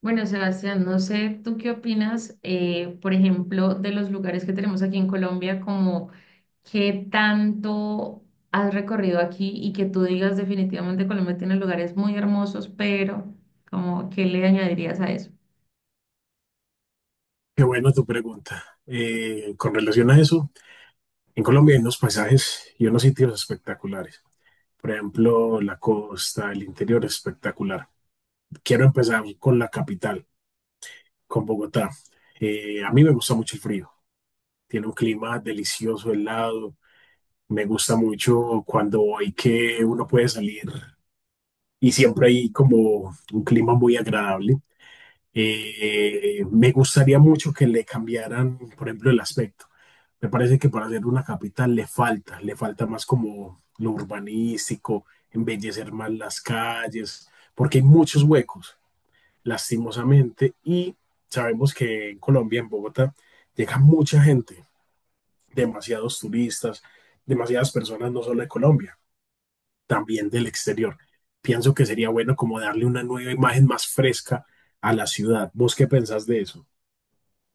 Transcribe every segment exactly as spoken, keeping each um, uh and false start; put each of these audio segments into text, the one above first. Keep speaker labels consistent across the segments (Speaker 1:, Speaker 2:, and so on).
Speaker 1: Bueno, Sebastián, no sé tú qué opinas, eh, por ejemplo, de los lugares que tenemos aquí en Colombia, como qué tanto has recorrido aquí y que tú digas definitivamente Colombia tiene lugares muy hermosos, pero como qué le añadirías a eso.
Speaker 2: Qué buena tu pregunta. Eh, con relación a eso, en Colombia hay unos paisajes y unos sitios espectaculares. Por ejemplo, la costa, el interior es espectacular. Quiero empezar con la capital, con Bogotá. Eh, a mí me gusta mucho el frío. Tiene un clima delicioso, helado. Me gusta mucho cuando hay que uno puede salir y siempre hay como un clima muy agradable. Eh, eh, me gustaría mucho que le cambiaran, por ejemplo, el aspecto. Me parece que para ser una capital le falta, le falta más como lo urbanístico, embellecer más las calles, porque hay muchos huecos, lastimosamente, y sabemos que en Colombia, en Bogotá, llega mucha gente, demasiados turistas, demasiadas personas, no solo de Colombia, también del exterior. Pienso que sería bueno como darle una nueva imagen más fresca a la ciudad. ¿Vos qué pensás de eso?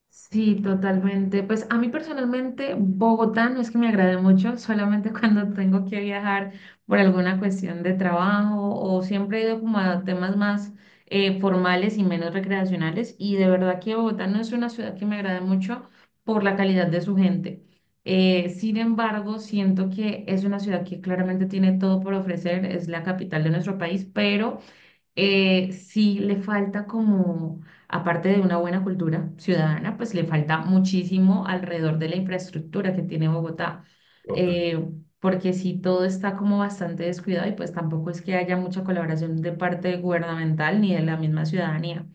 Speaker 1: Sí, totalmente. Pues a mí personalmente Bogotá no es que me agrade mucho, solamente cuando tengo que viajar por alguna cuestión de trabajo o siempre he ido como a temas más eh, formales y menos recreacionales y de verdad que Bogotá no es una ciudad que me agrade mucho por la calidad de su gente. Eh, sin embargo, siento que es una ciudad que claramente tiene todo por ofrecer, es la capital de nuestro país, pero eh, sí le falta como, aparte de una buena cultura ciudadana, pues le falta muchísimo alrededor de la infraestructura que tiene Bogotá,
Speaker 2: Total,
Speaker 1: eh, porque sí todo está como bastante descuidado y pues tampoco es que haya mucha colaboración de parte gubernamental ni de la misma ciudadanía.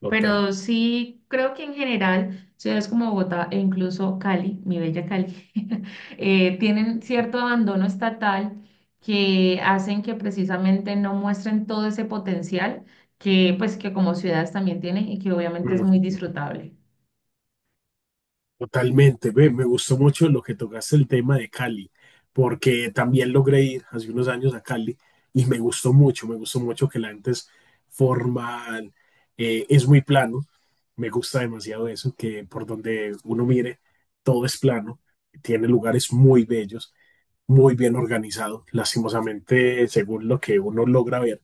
Speaker 2: total.
Speaker 1: Pero sí, creo que en general ciudades como Bogotá e incluso Cali, mi bella Cali, eh, tienen cierto abandono estatal que hacen que precisamente no muestren todo ese potencial que pues que como ciudades también tienen y que obviamente es
Speaker 2: Mm,
Speaker 1: muy disfrutable.
Speaker 2: Totalmente, ve, me gustó mucho lo que tocaste el tema de Cali, porque también logré ir hace unos años a Cali y me gustó mucho, me gustó mucho que la gente es formal, eh, es muy plano, me gusta demasiado eso, que por donde uno mire, todo es plano, tiene lugares muy bellos, muy bien organizado, lastimosamente, según lo que uno logra ver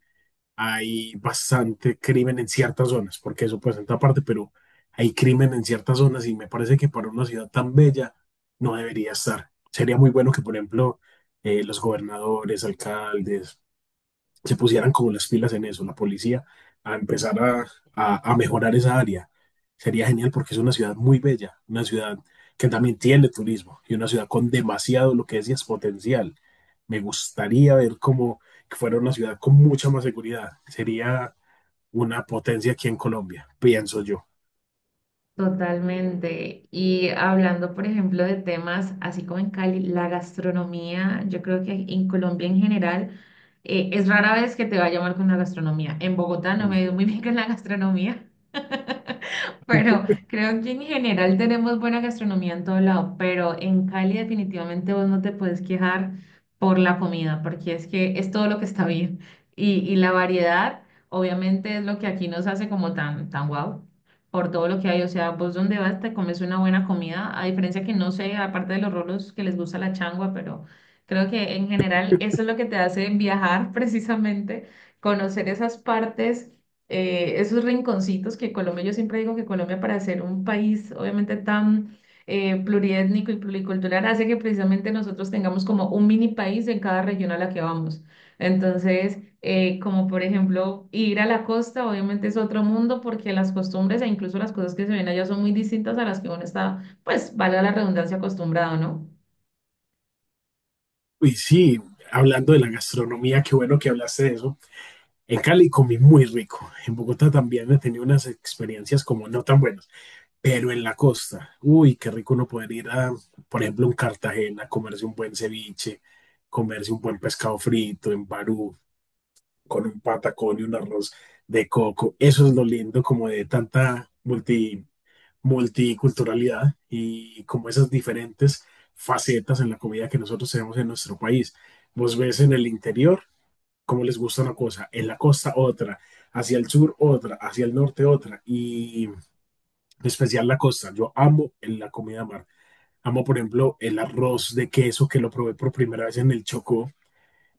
Speaker 2: hay bastante crimen en ciertas zonas, porque eso pues en otra parte, pero hay crimen en ciertas zonas y me parece que para una ciudad tan bella no debería estar. Sería muy bueno que, por ejemplo, eh, los gobernadores, alcaldes, se pusieran como las pilas en eso, la policía, a empezar a, a, a mejorar esa área. Sería genial porque es una ciudad muy bella, una ciudad que también tiene turismo y una ciudad con demasiado, lo que decías, potencial. Me gustaría ver cómo fuera una ciudad con mucha más seguridad. Sería una potencia aquí en Colombia, pienso yo.
Speaker 1: Totalmente. Y hablando, por ejemplo, de temas así como en Cali, la gastronomía, yo creo que en Colombia en general eh, es rara vez que te vaya mal con la gastronomía. En Bogotá no me ha ido muy
Speaker 2: Ujú.
Speaker 1: bien con la gastronomía. Pero creo que en general tenemos buena gastronomía en todo lado, pero en Cali definitivamente vos no te puedes quejar por la comida, porque es que es todo lo que está bien. Y, y la variedad, obviamente, es lo que aquí nos hace como tan, tan guau, por todo lo que hay. O sea, vos donde vas te comes una buena comida, a diferencia que no sé, aparte de los rolos que les gusta la changua, pero creo que en general eso es lo que te hace viajar precisamente, conocer esas partes eh, esos rinconcitos que Colombia, yo siempre digo que Colombia para ser un país obviamente tan eh, pluriétnico y pluricultural hace que precisamente nosotros tengamos como un mini país en cada región a la que vamos. Entonces, eh, como por ejemplo ir a la costa, obviamente es otro mundo porque las costumbres e incluso las cosas que se ven allá son muy distintas a las que uno está, pues, valga la redundancia, acostumbrado, ¿no?
Speaker 2: Y sí, hablando de la gastronomía, qué bueno que hablaste de eso. En Cali comí muy rico. En Bogotá también he tenido unas experiencias como no tan buenas, pero en la costa, uy, qué rico uno poder ir a, por ejemplo, en Cartagena, comerse un buen ceviche, comerse un buen pescado frito, en Barú, con un patacón y un arroz de coco. Eso es lo lindo como de tanta multi, multiculturalidad y como esas diferentes facetas en la comida que nosotros tenemos en nuestro país. Vos ves en el interior cómo les gusta una cosa, en la costa otra, hacia el sur otra, hacia el norte otra y en especial la costa. Yo amo la comida mar. Amo, por ejemplo, el arroz de queso que lo probé por primera vez en el Chocó.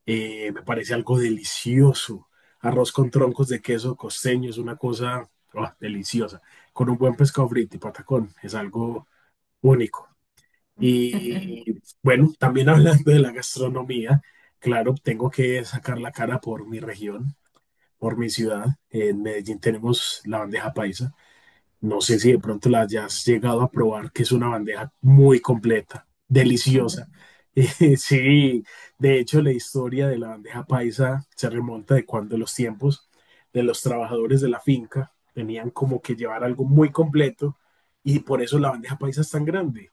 Speaker 2: eh, Me parece algo delicioso. Arroz con troncos de queso costeño es una cosa oh, deliciosa. Con un buen pescado frito y patacón es algo único. Y bueno, también hablando de la gastronomía, claro, tengo que sacar la cara por mi región, por mi ciudad. En Medellín tenemos la bandeja paisa, no sé si de pronto la hayas llegado a probar, que es una bandeja muy completa, deliciosa. Eh, sí, de hecho la historia de la bandeja paisa se remonta de cuando los tiempos de los trabajadores de la finca tenían como que llevar algo muy completo y por eso la bandeja paisa es tan grande.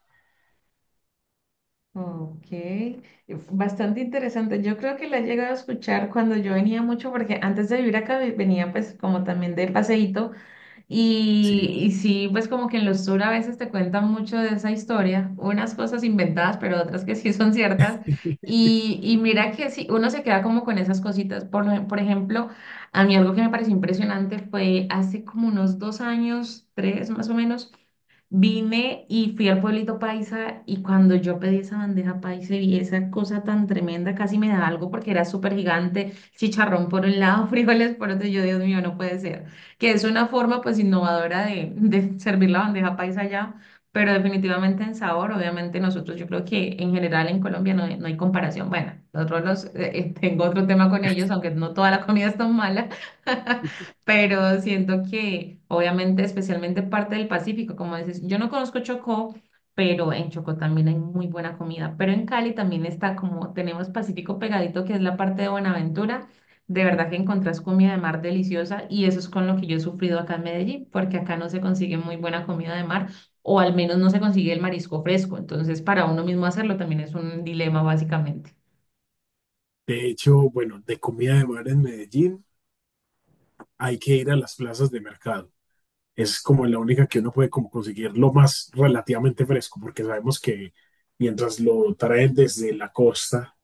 Speaker 1: Ok, eh, bastante interesante. Yo creo que la he llegado a escuchar cuando yo venía mucho, porque antes de vivir acá ve- venía pues como también de paseíto
Speaker 2: Sí.
Speaker 1: y, y sí, pues como que en los tours a veces te cuentan mucho de esa historia, unas cosas inventadas, pero otras que sí son ciertas. Y, y mira que sí, uno se queda como con esas cositas. Por, ej- por ejemplo, a mí algo que me pareció impresionante fue hace como unos dos años, tres más o menos, vine y fui al pueblito paisa y cuando yo pedí esa bandeja paisa y vi esa cosa tan tremenda, casi me da algo porque era súper gigante, chicharrón por un lado, frijoles por otro, y yo, Dios mío, no puede ser que es una forma pues innovadora de, de servir la bandeja paisa allá, pero definitivamente en sabor, obviamente nosotros yo creo que en general en Colombia no, hay no hay comparación. Bueno, nosotros los, eh, eh, tengo otro tema con ellos, aunque no toda la comida es tan mala, pero siento que obviamente especialmente parte del Pacífico, como dices, yo no conozco Chocó. Pero en Chocó también hay muy de verdad que encontrás comida de mar deliciosa y eso es con lo que yo he sufrido acá en Medellín, porque acá no se consigue muy buena comida de mar o al menos no se consigue el marisco fresco. Entonces, para uno mismo hacerlo también es un dilema básicamente.
Speaker 2: De hecho, bueno, de comida de mar en Medellín hay que ir a las plazas de mercado. Es como la única que uno puede como conseguir lo más relativamente fresco, porque sabemos que mientras lo traen desde la costa,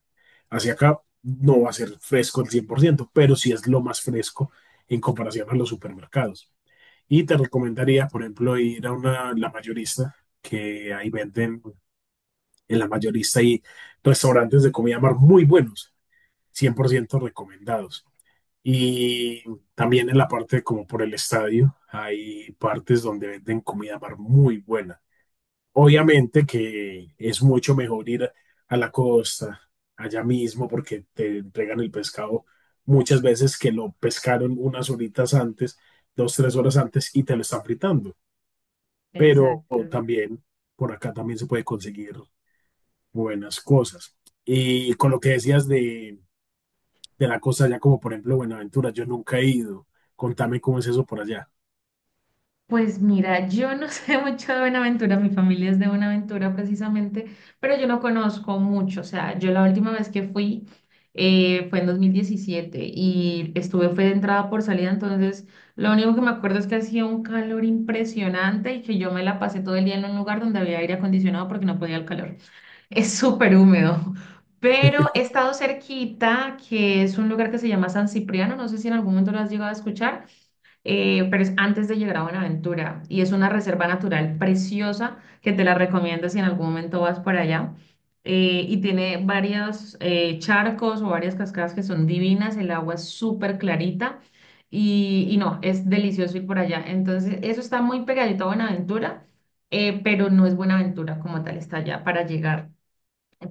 Speaker 2: hacia acá no va a ser fresco al cien por ciento, pero sí es lo más fresco en comparación a los supermercados. Y te recomendaría, por ejemplo, ir a una, la mayorista, que ahí venden en la mayorista y restaurantes de comida mar muy buenos, cien por ciento recomendados. Y también en la parte como por el estadio, hay partes donde venden comida mar muy buena. Obviamente que es mucho mejor ir a la costa, allá mismo, porque te entregan el pescado muchas veces que lo pescaron unas horitas antes, dos, tres horas antes, y te lo están fritando. Pero
Speaker 1: Exacto.
Speaker 2: también por acá también se puede conseguir buenas cosas. Y con lo que decías de, de la costa allá, como por ejemplo Buenaventura, yo nunca he ido. Contame cómo es eso por allá.
Speaker 1: Pues mira, yo no sé mucho de Buenaventura, mi familia es de Buenaventura precisamente, pero yo no conozco mucho, o sea, yo la última vez que fui eh, fue en dos mil diecisiete y estuve fue de entrada por salida, entonces lo único que me acuerdo es que hacía un calor impresionante y que yo me la pasé todo el día en un lugar donde había aire acondicionado porque no podía el calor. Es súper húmedo, pero he estado cerquita, que es un lugar que se llama San Cipriano, no sé si en algún momento lo has llegado a escuchar eh, pero es antes de llegar a Buenaventura y es una reserva natural preciosa que te la recomiendo si en algún momento vas por allá. Eh, y tiene varios eh, charcos o varias cascadas que son divinas, el agua es súper clarita y, y no, es delicioso ir por allá. Entonces, eso está muy pegadito a Buenaventura, eh, pero no es Buenaventura como tal, está allá para llegar.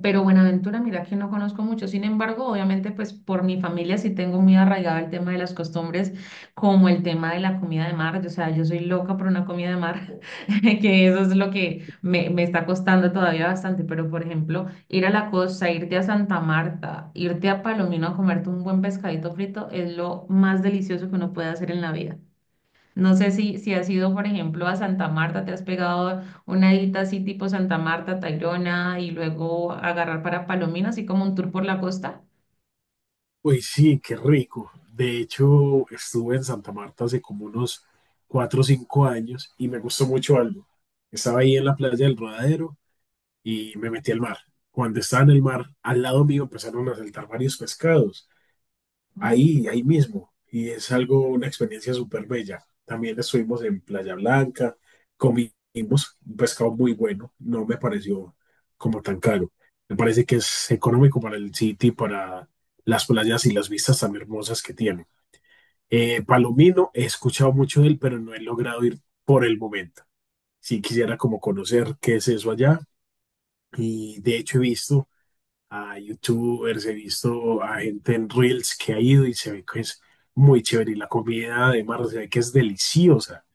Speaker 1: Pero Buenaventura, mira que no conozco mucho. Sin embargo, obviamente, pues por mi familia sí tengo muy arraigado el tema de las costumbres, como el tema de la comida de mar. O sea, yo soy loca por una comida de mar, que eso es lo que me, me está costando todavía bastante. Pero, por ejemplo, ir a la costa, irte a Santa Marta, irte a Palomino a comerte un buen pescadito frito es lo más delicioso que uno puede hacer en la vida. No sé si, si has ido, por ejemplo, a Santa Marta, te has pegado una edita así tipo Santa Marta, Tayrona y luego agarrar para Palomino, así como un tour por la costa.
Speaker 2: Uy, sí, qué rico. De hecho, estuve en Santa Marta hace como unos cuatro o cinco años y me gustó mucho algo. Estaba ahí en la playa del Rodadero y me metí al mar. Cuando estaba en el mar, al lado mío empezaron a saltar varios pescados ahí, ahí mismo. Y es algo, una experiencia súper bella. También estuvimos en Playa Blanca, comimos un pescado muy bueno, no me pareció como tan caro. Me parece que es económico para el sitio y para las playas y las vistas tan hermosas que tiene. Eh, Palomino, he escuchado mucho de él, pero no he logrado ir por el momento. Sí quisiera como conocer qué es eso allá y de hecho he visto a YouTubers, he visto a gente en Reels que ha ido y se ve que es muy chévere. Y la comida además se ve que es deliciosa.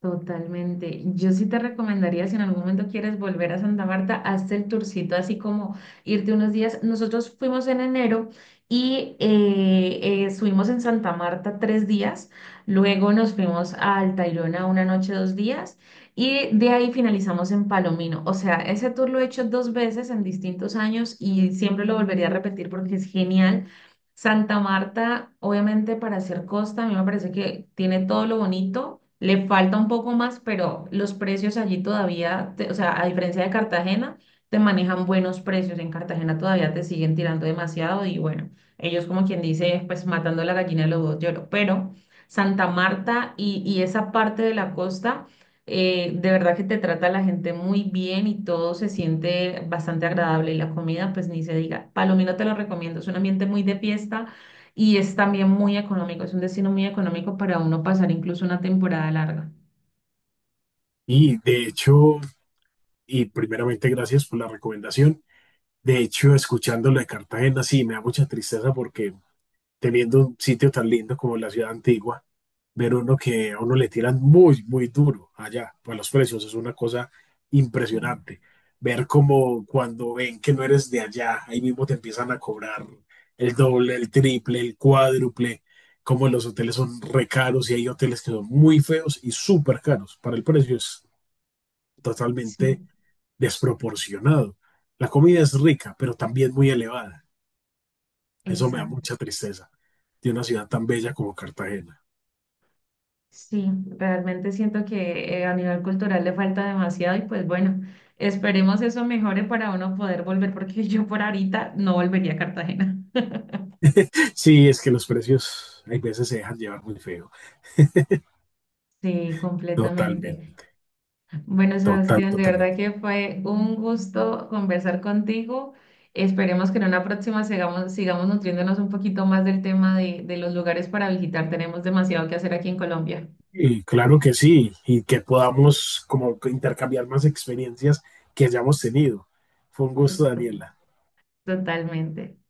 Speaker 1: Totalmente. Yo sí te recomendaría, si en algún momento quieres volver a Santa Marta, hazte el tourcito, así como irte unos días. Nosotros fuimos en enero y eh, eh, estuvimos en Santa Marta tres días, luego nos fuimos al Tayrona una noche, dos días, y de ahí finalizamos en Palomino. O sea, ese tour lo he hecho dos veces en distintos años y siempre lo volvería a repetir porque es genial. Santa Marta, obviamente para hacer costa, a mí me parece que tiene todo lo bonito, le falta un poco más, pero los precios allí todavía, te- o sea, a diferencia de Cartagena, te manejan buenos precios. En Cartagena todavía te siguen tirando demasiado y bueno, ellos como quien dice, pues matando la gallina de los dos lloros. Pero Santa Marta y, y esa parte de la costa. Eh, de verdad que te trata la gente muy bien y todo se siente bastante agradable y la comida, pues ni se diga. Palomino te lo recomiendo, es un ambiente muy de fiesta y es también muy económico, es un destino muy económico para uno pasar incluso una temporada larga.
Speaker 2: Y de hecho, y primeramente gracias por la recomendación. De hecho, escuchando lo de Cartagena, sí, me da mucha tristeza porque teniendo un sitio tan lindo como la ciudad antigua, ver uno que a uno le tiran muy, muy duro allá, pues los precios es una cosa
Speaker 1: Sí,
Speaker 2: impresionante. Ver como cuando ven que no eres de allá, ahí mismo te empiezan a cobrar el doble, el triple, el cuádruple, como los hoteles son re caros y hay hoteles que son muy feos y súper caros. Para el precio es totalmente
Speaker 1: sí,
Speaker 2: desproporcionado. La comida es rica, pero también muy elevada. Eso me da
Speaker 1: exacto.
Speaker 2: mucha tristeza de una ciudad tan bella como Cartagena.
Speaker 1: Sí, realmente siento que eh, a nivel cultural le falta demasiado y pues bueno, esperemos eso mejore para uno poder volver porque yo por ahorita no volvería a Cartagena.
Speaker 2: Sí, es que los precios hay veces se dejan llevar muy feo.
Speaker 1: Sí, completamente.
Speaker 2: Totalmente,
Speaker 1: Bueno,
Speaker 2: total,
Speaker 1: Sebastián, de verdad
Speaker 2: totalmente.
Speaker 1: que fue un gusto conversar contigo. Esperemos que en una próxima sigamos, sigamos nutriéndonos un poquito más del tema de, de los lugares para visitar. Tenemos demasiado que hacer aquí en Colombia.
Speaker 2: Y claro que sí, y que podamos como intercambiar más experiencias que hayamos tenido. Fue un gusto, Daniela.
Speaker 1: Totalmente.